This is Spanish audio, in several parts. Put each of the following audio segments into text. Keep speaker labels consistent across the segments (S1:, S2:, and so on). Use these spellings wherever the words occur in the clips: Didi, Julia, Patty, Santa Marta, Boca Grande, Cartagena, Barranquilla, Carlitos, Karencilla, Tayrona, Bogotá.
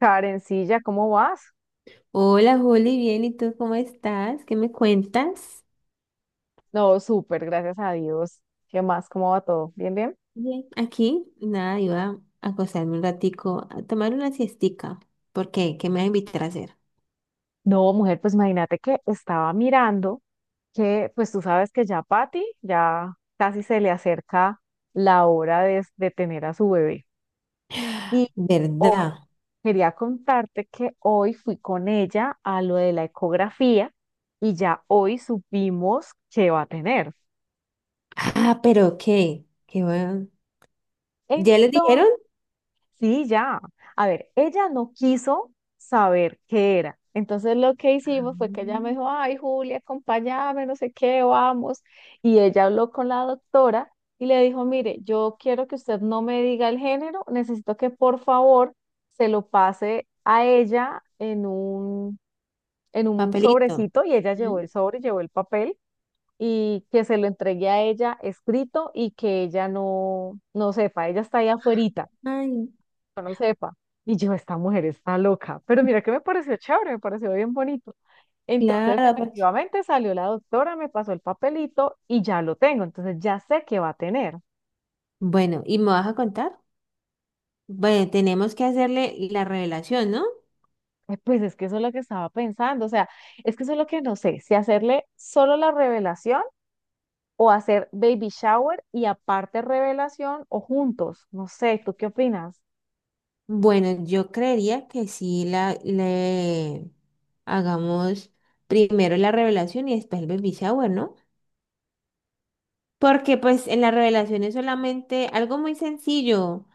S1: Karencilla, ¿cómo vas?
S2: Hola, Juli, bien, ¿y tú cómo estás? ¿Qué me cuentas?
S1: No, súper, gracias a Dios. ¿Qué más? ¿Cómo va todo? ¿Bien, bien?
S2: Bien, aquí, nada, iba a acostarme un ratico, a tomar una siestica. ¿Por qué? ¿Qué me vas a invitar a hacer?
S1: No, mujer, pues imagínate que estaba mirando que, pues tú sabes que ya Patty ya casi se le acerca la hora de tener a su bebé. Y hoy
S2: ¿Verdad?
S1: quería contarte que hoy fui con ella a lo de la ecografía y ya hoy supimos que va a tener.
S2: Ah, pero qué, bueno. ¿Ya les dijeron?
S1: Entonces. Sí, ya. A ver, ella no quiso saber qué era. Entonces lo que
S2: Ah,
S1: hicimos fue que ella me dijo, ay, Julia, acompáñame, no sé qué, vamos. Y ella habló con la doctora y le dijo, mire, yo quiero que usted no me diga el género, necesito que por favor se lo pase a ella en un
S2: papelito.
S1: sobrecito. Y ella llevó
S2: ¿Mm?
S1: el sobre, llevó el papel y que se lo entregue a ella escrito y que ella no, no sepa, ella está ahí afuera
S2: Ay,
S1: yo no sepa. Y yo, esta mujer está loca. Pero mira que me pareció chévere, me pareció bien bonito. Entonces,
S2: claro, porque...
S1: efectivamente, salió la doctora, me pasó el papelito y ya lo tengo. Entonces, ya sé que va a tener.
S2: Bueno, ¿y me vas a contar? Bueno, tenemos que hacerle la revelación, ¿no?
S1: Pues es que eso es lo que estaba pensando. O sea, es que eso es lo que no sé, si hacerle solo la revelación o hacer baby shower y aparte revelación o juntos. No sé, ¿tú qué opinas?
S2: Bueno, yo creería que sí le hagamos primero la revelación y después el baby shower, ¿no? Porque pues en la revelación es solamente algo muy sencillo.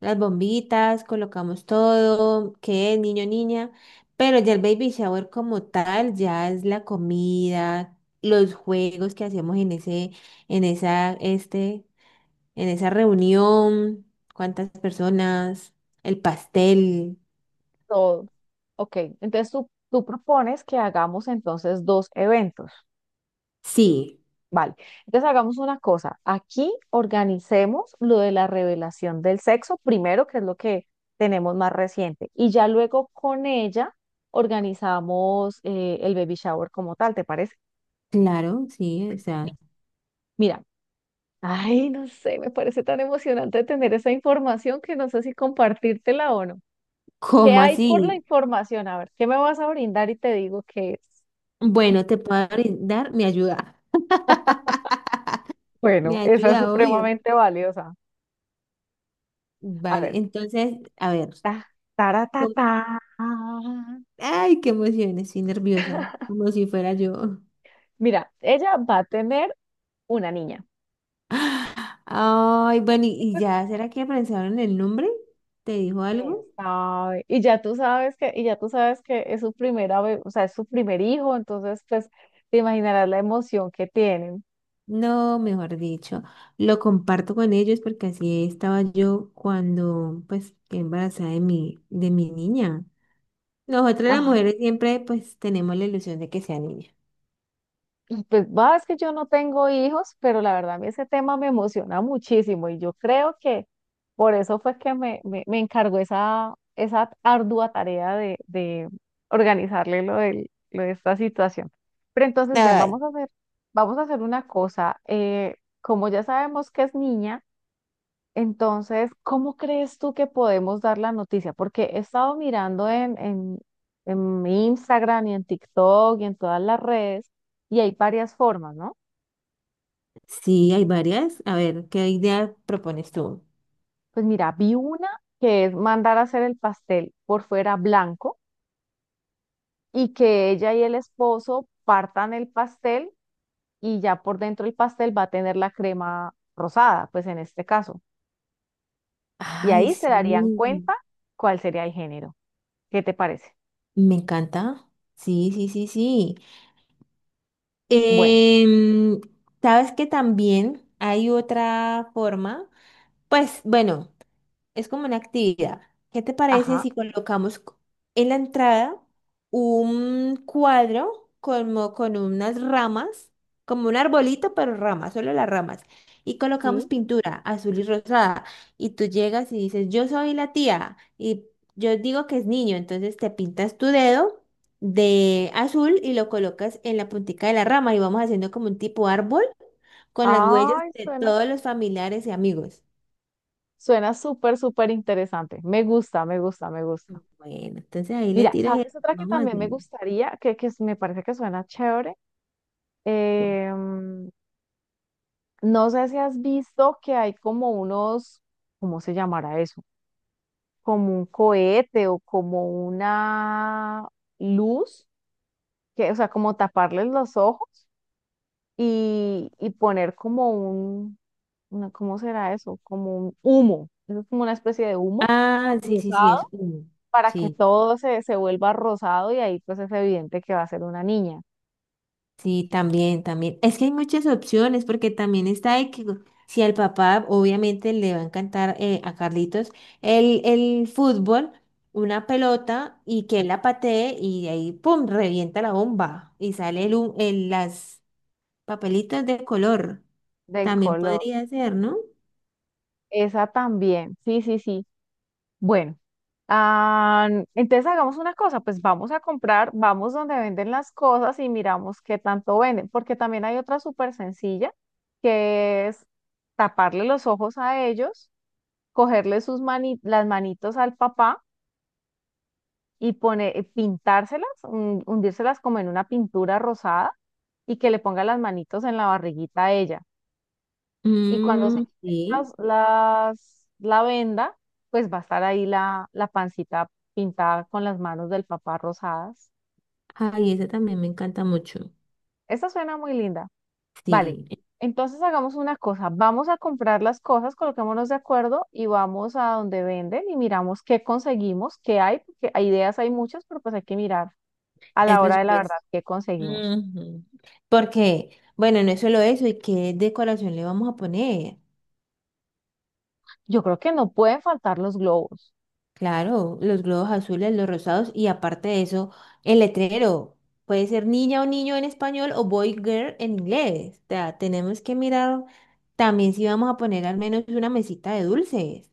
S2: Las bombitas, colocamos todo, que niño, niña. Pero ya el baby shower como tal, ya es la comida, los juegos que hacemos en ese, en esa, este, en esa reunión, cuántas personas, el pastel.
S1: Todo. Ok, entonces tú propones que hagamos entonces dos eventos.
S2: Sí.
S1: Vale, entonces hagamos una cosa. Aquí organicemos lo de la revelación del sexo primero, que es lo que tenemos más reciente, y ya luego con ella organizamos el baby shower como tal, ¿te parece?
S2: Claro, sí, o sea,
S1: Mira, ay, no sé, me parece tan emocionante tener esa información que no sé si compartírtela o no. ¿Qué
S2: ¿cómo
S1: hay por la
S2: así?
S1: información? A ver, ¿qué me vas a brindar y te digo qué es?
S2: Bueno, te puedo brindar mi ayuda. Mi
S1: Bueno, esa es
S2: ayuda, obvio.
S1: supremamente valiosa. A
S2: Vale,
S1: ver,
S2: entonces, a ver.
S1: ta, tara, ta,
S2: com-
S1: ta.
S2: Ay, qué emoción, estoy nerviosa, como si fuera yo.
S1: Mira, ella va a tener una niña.
S2: Ay, bueno, ¿y
S1: Y
S2: y
S1: pues,
S2: ya? ¿Será que pensaron el nombre? ¿Te dijo
S1: quién
S2: algo?
S1: sabe. Y ya tú sabes que es su o sea, es su primer hijo, entonces, pues, te imaginarás la emoción que tienen.
S2: No, mejor dicho, lo comparto con ellos porque así estaba yo cuando, pues, quedé embarazada de mi niña. Nosotras las mujeres siempre pues tenemos la ilusión de que sea niña.
S1: Y pues va, es que yo no tengo hijos, pero la verdad a mí ese tema me emociona muchísimo y yo creo que por eso fue que me encargó esa ardua tarea de organizarle lo de esta situación. Pero entonces, ven,
S2: Ay,
S1: vamos a hacer una cosa. Como ya sabemos que es niña, entonces, ¿cómo crees tú que podemos dar la noticia? Porque he estado mirando en, en mi Instagram y en TikTok y en todas las redes y hay varias formas, ¿no?
S2: sí, hay varias. A ver, ¿qué idea propones tú?
S1: Pues mira, vi una que es mandar a hacer el pastel por fuera blanco y que ella y el esposo partan el pastel y ya por dentro el pastel va a tener la crema rosada, pues en este caso. Y
S2: Ay,
S1: ahí se darían
S2: sí,
S1: cuenta cuál sería el género. ¿Qué te parece?
S2: me encanta. Sí, sí, sí, sí.
S1: Bueno,
S2: Em, sabes que también hay otra forma. Pues bueno. Es como una actividad. ¿Qué te parece
S1: ajá,
S2: si en la entrada un cuadro como con unas ramas, como un arbolito, pero ramas, solo las ramas? Y colocamos
S1: sí.
S2: pintura azul y rosada. Y tú llegas y dices, yo soy la tía. Y yo digo que es niño, entonces te pintas tu dedo de azul y lo colocas en la puntica de la rama y vamos haciendo como un tipo árbol con las huellas
S1: Ay,
S2: de
S1: suena,
S2: todos los familiares y amigos.
S1: suena súper, súper interesante. Me gusta, me gusta, me gusta.
S2: Bueno, entonces ahí le
S1: Mira,
S2: tiras el...
S1: ¿sabes otra que
S2: Vamos
S1: también me
S2: haciendo.
S1: gustaría, que me parece que suena chévere? Em, no sé si has visto que hay como unos, ¿cómo se llamará eso? Como un cohete o como una luz, que, o sea, como taparles los ojos y poner ¿cómo será eso? Como un humo. Eso es como una especie de humo
S2: Ah, sí, sí, sí,
S1: rosado,
S2: es uno.
S1: para que
S2: Sí,
S1: todo se vuelva rosado y ahí pues es evidente que va a ser una niña
S2: sí, también, también. Es que hay muchas opciones porque también está de que si al papá obviamente le va a encantar a Carlitos el fútbol, una pelota y que él la patee y de ahí, ¡pum!, revienta la bomba y sale las papelitas de color.
S1: del
S2: También
S1: color.
S2: podría ser, ¿no?
S1: Esa también, sí, sí, sí. Bueno, ah, entonces hagamos una cosa, pues vamos a comprar, vamos donde venden las cosas y miramos qué tanto venden, porque también hay otra súper sencilla, que es taparle los ojos a ellos, cogerle las manitos al papá y pintárselas, hundírselas como en una pintura rosada y que le ponga las manitos en la barriguita a ella. Y cuando se
S2: Mm,
S1: quiten
S2: sí.
S1: la venda, pues va a estar ahí la pancita pintada con las manos del papá rosadas.
S2: Ay, esa también me encanta mucho.
S1: Esta suena muy linda. Vale,
S2: Sí.
S1: entonces hagamos una cosa. Vamos a comprar las cosas, coloquémonos de acuerdo y vamos a donde venden y miramos qué conseguimos, qué hay, porque hay ideas hay muchas, pero pues hay que mirar a
S2: Es
S1: la hora de la verdad
S2: presupuesto.
S1: qué conseguimos.
S2: Ujú. Porque, bueno, no es solo eso, ¿y qué decoración le vamos a poner?
S1: Yo creo que no pueden faltar los globos.
S2: Claro, los globos azules, los rosados y aparte de eso, el letrero. Puede ser niña o niño en español o boy girl en inglés. O sea, tenemos que mirar también si vamos a poner al menos una mesita de dulces.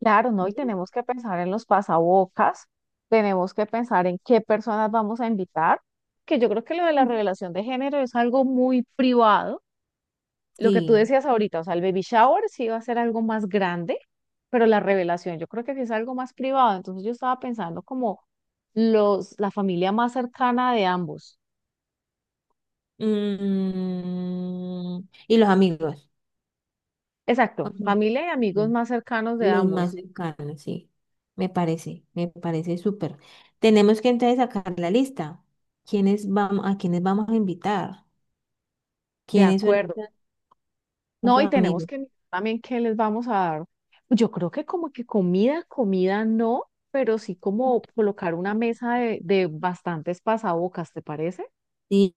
S1: Claro, ¿no? Y
S2: Mm.
S1: tenemos que pensar en los pasabocas, tenemos que pensar en qué personas vamos a invitar, que yo creo que lo de la revelación de género es algo muy privado. Lo que tú
S2: Sí.
S1: decías ahorita, o sea, el baby shower sí va a ser algo más grande, pero la revelación yo creo que sí es algo más privado. Entonces yo estaba pensando como la familia más cercana de ambos.
S2: Mm, y los amigos.
S1: Exacto, familia y amigos
S2: Ujú.
S1: más cercanos de
S2: Los más
S1: ambos.
S2: cercanos, sí. Me parece súper. Tenemos que entonces sacar la lista. Quiénes vamos a invitar?
S1: De
S2: ¿Quiénes son
S1: acuerdo. No, y
S2: esos
S1: tenemos
S2: amigos?
S1: que mirar también qué les vamos a dar. Yo creo que como que comida, comida no, pero sí como colocar una mesa de bastantes pasabocas, ¿te parece?
S2: Sí,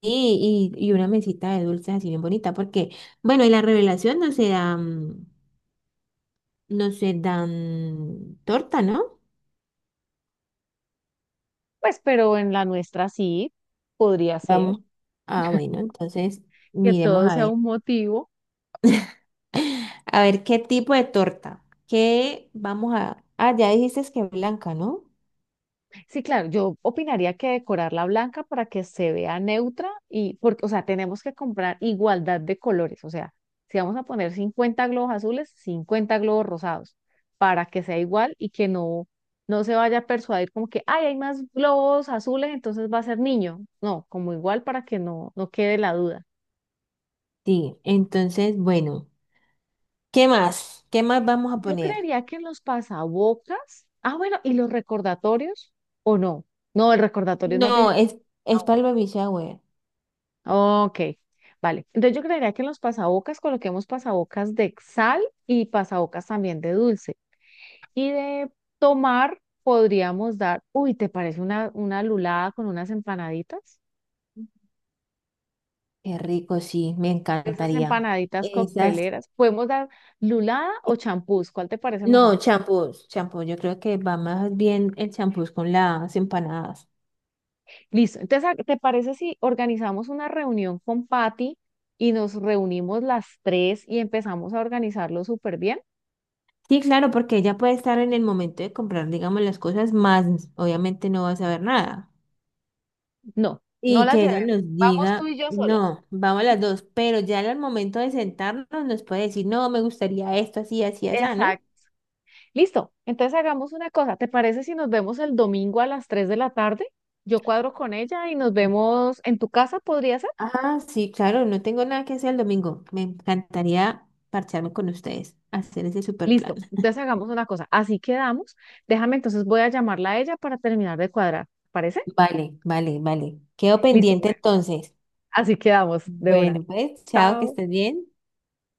S2: y, y una mesita de dulces así bien bonita, porque, bueno, y la revelación no se dan torta, ¿no?
S1: Pues, pero en la nuestra sí podría ser
S2: Vamos. Ah, bueno, entonces
S1: que
S2: miremos
S1: todo
S2: a
S1: sea
S2: ver.
S1: un motivo.
S2: A ver qué tipo de torta. ¿Qué vamos a... Ah, ya dijiste es que blanca, ¿no?
S1: Sí, claro, yo opinaría que decorarla blanca para que se vea neutra y porque, o sea, tenemos que comprar igualdad de colores, o sea, si vamos a poner 50 globos azules, 50 globos rosados, para que sea igual y que no, no se vaya a persuadir como que, ay, hay más globos azules, entonces va a ser niño. No, como igual para que no, no quede la duda.
S2: Sí, entonces, bueno, ¿qué más? ¿Qué más vamos a
S1: Yo
S2: poner?
S1: creería que en los pasabocas, ah, bueno, y los recordatorios, o no, no, el recordatorio es más bien.
S2: No, es,
S1: Ah,
S2: es para
S1: bueno.
S2: el baby shower.
S1: Ok, vale. Entonces yo creería que en los pasabocas coloquemos pasabocas de sal y pasabocas también de dulce. Y de tomar podríamos dar, uy, ¿te parece una lulada con unas empanaditas?
S2: Qué rico, sí, me
S1: Esas
S2: encantaría.
S1: empanaditas
S2: Esas,
S1: cocteleras. Podemos dar lulada o champús, ¿cuál te parece mejor?
S2: no, champús, champú, yo creo que va más bien el champús con las empanadas.
S1: Listo. Entonces, ¿te parece si organizamos una reunión con Patty y nos reunimos las tres y empezamos a organizarlo súper bien?
S2: Sí, claro, porque ella puede estar en el momento de comprar, digamos, las cosas, más obviamente no va a saber nada.
S1: No, no
S2: Y
S1: las
S2: que ella
S1: llevemos.
S2: nos
S1: Vamos tú
S2: diga,
S1: y yo solas.
S2: no, vamos las dos, pero ya al momento de sentarnos nos puede decir, no, me gustaría esto, así, así, así, ¿no?
S1: Exacto. Listo, entonces hagamos una cosa. ¿Te parece si nos vemos el domingo a las 3 de la tarde? Yo cuadro con ella y nos vemos en tu casa, ¿podría ser?
S2: Ah, sí, claro, no tengo nada que hacer el domingo. Me encantaría parcharme con ustedes, hacer ese super plan.
S1: Listo, entonces hagamos una cosa. Así quedamos. Déjame, entonces voy a llamarla a ella para terminar de cuadrar. ¿Te parece?
S2: Vale, vale, vale. Quedo
S1: Listo,
S2: pendiente
S1: mujer.
S2: entonces.
S1: Así quedamos de una.
S2: Bueno, pues, chao, que
S1: Chao.
S2: estés bien.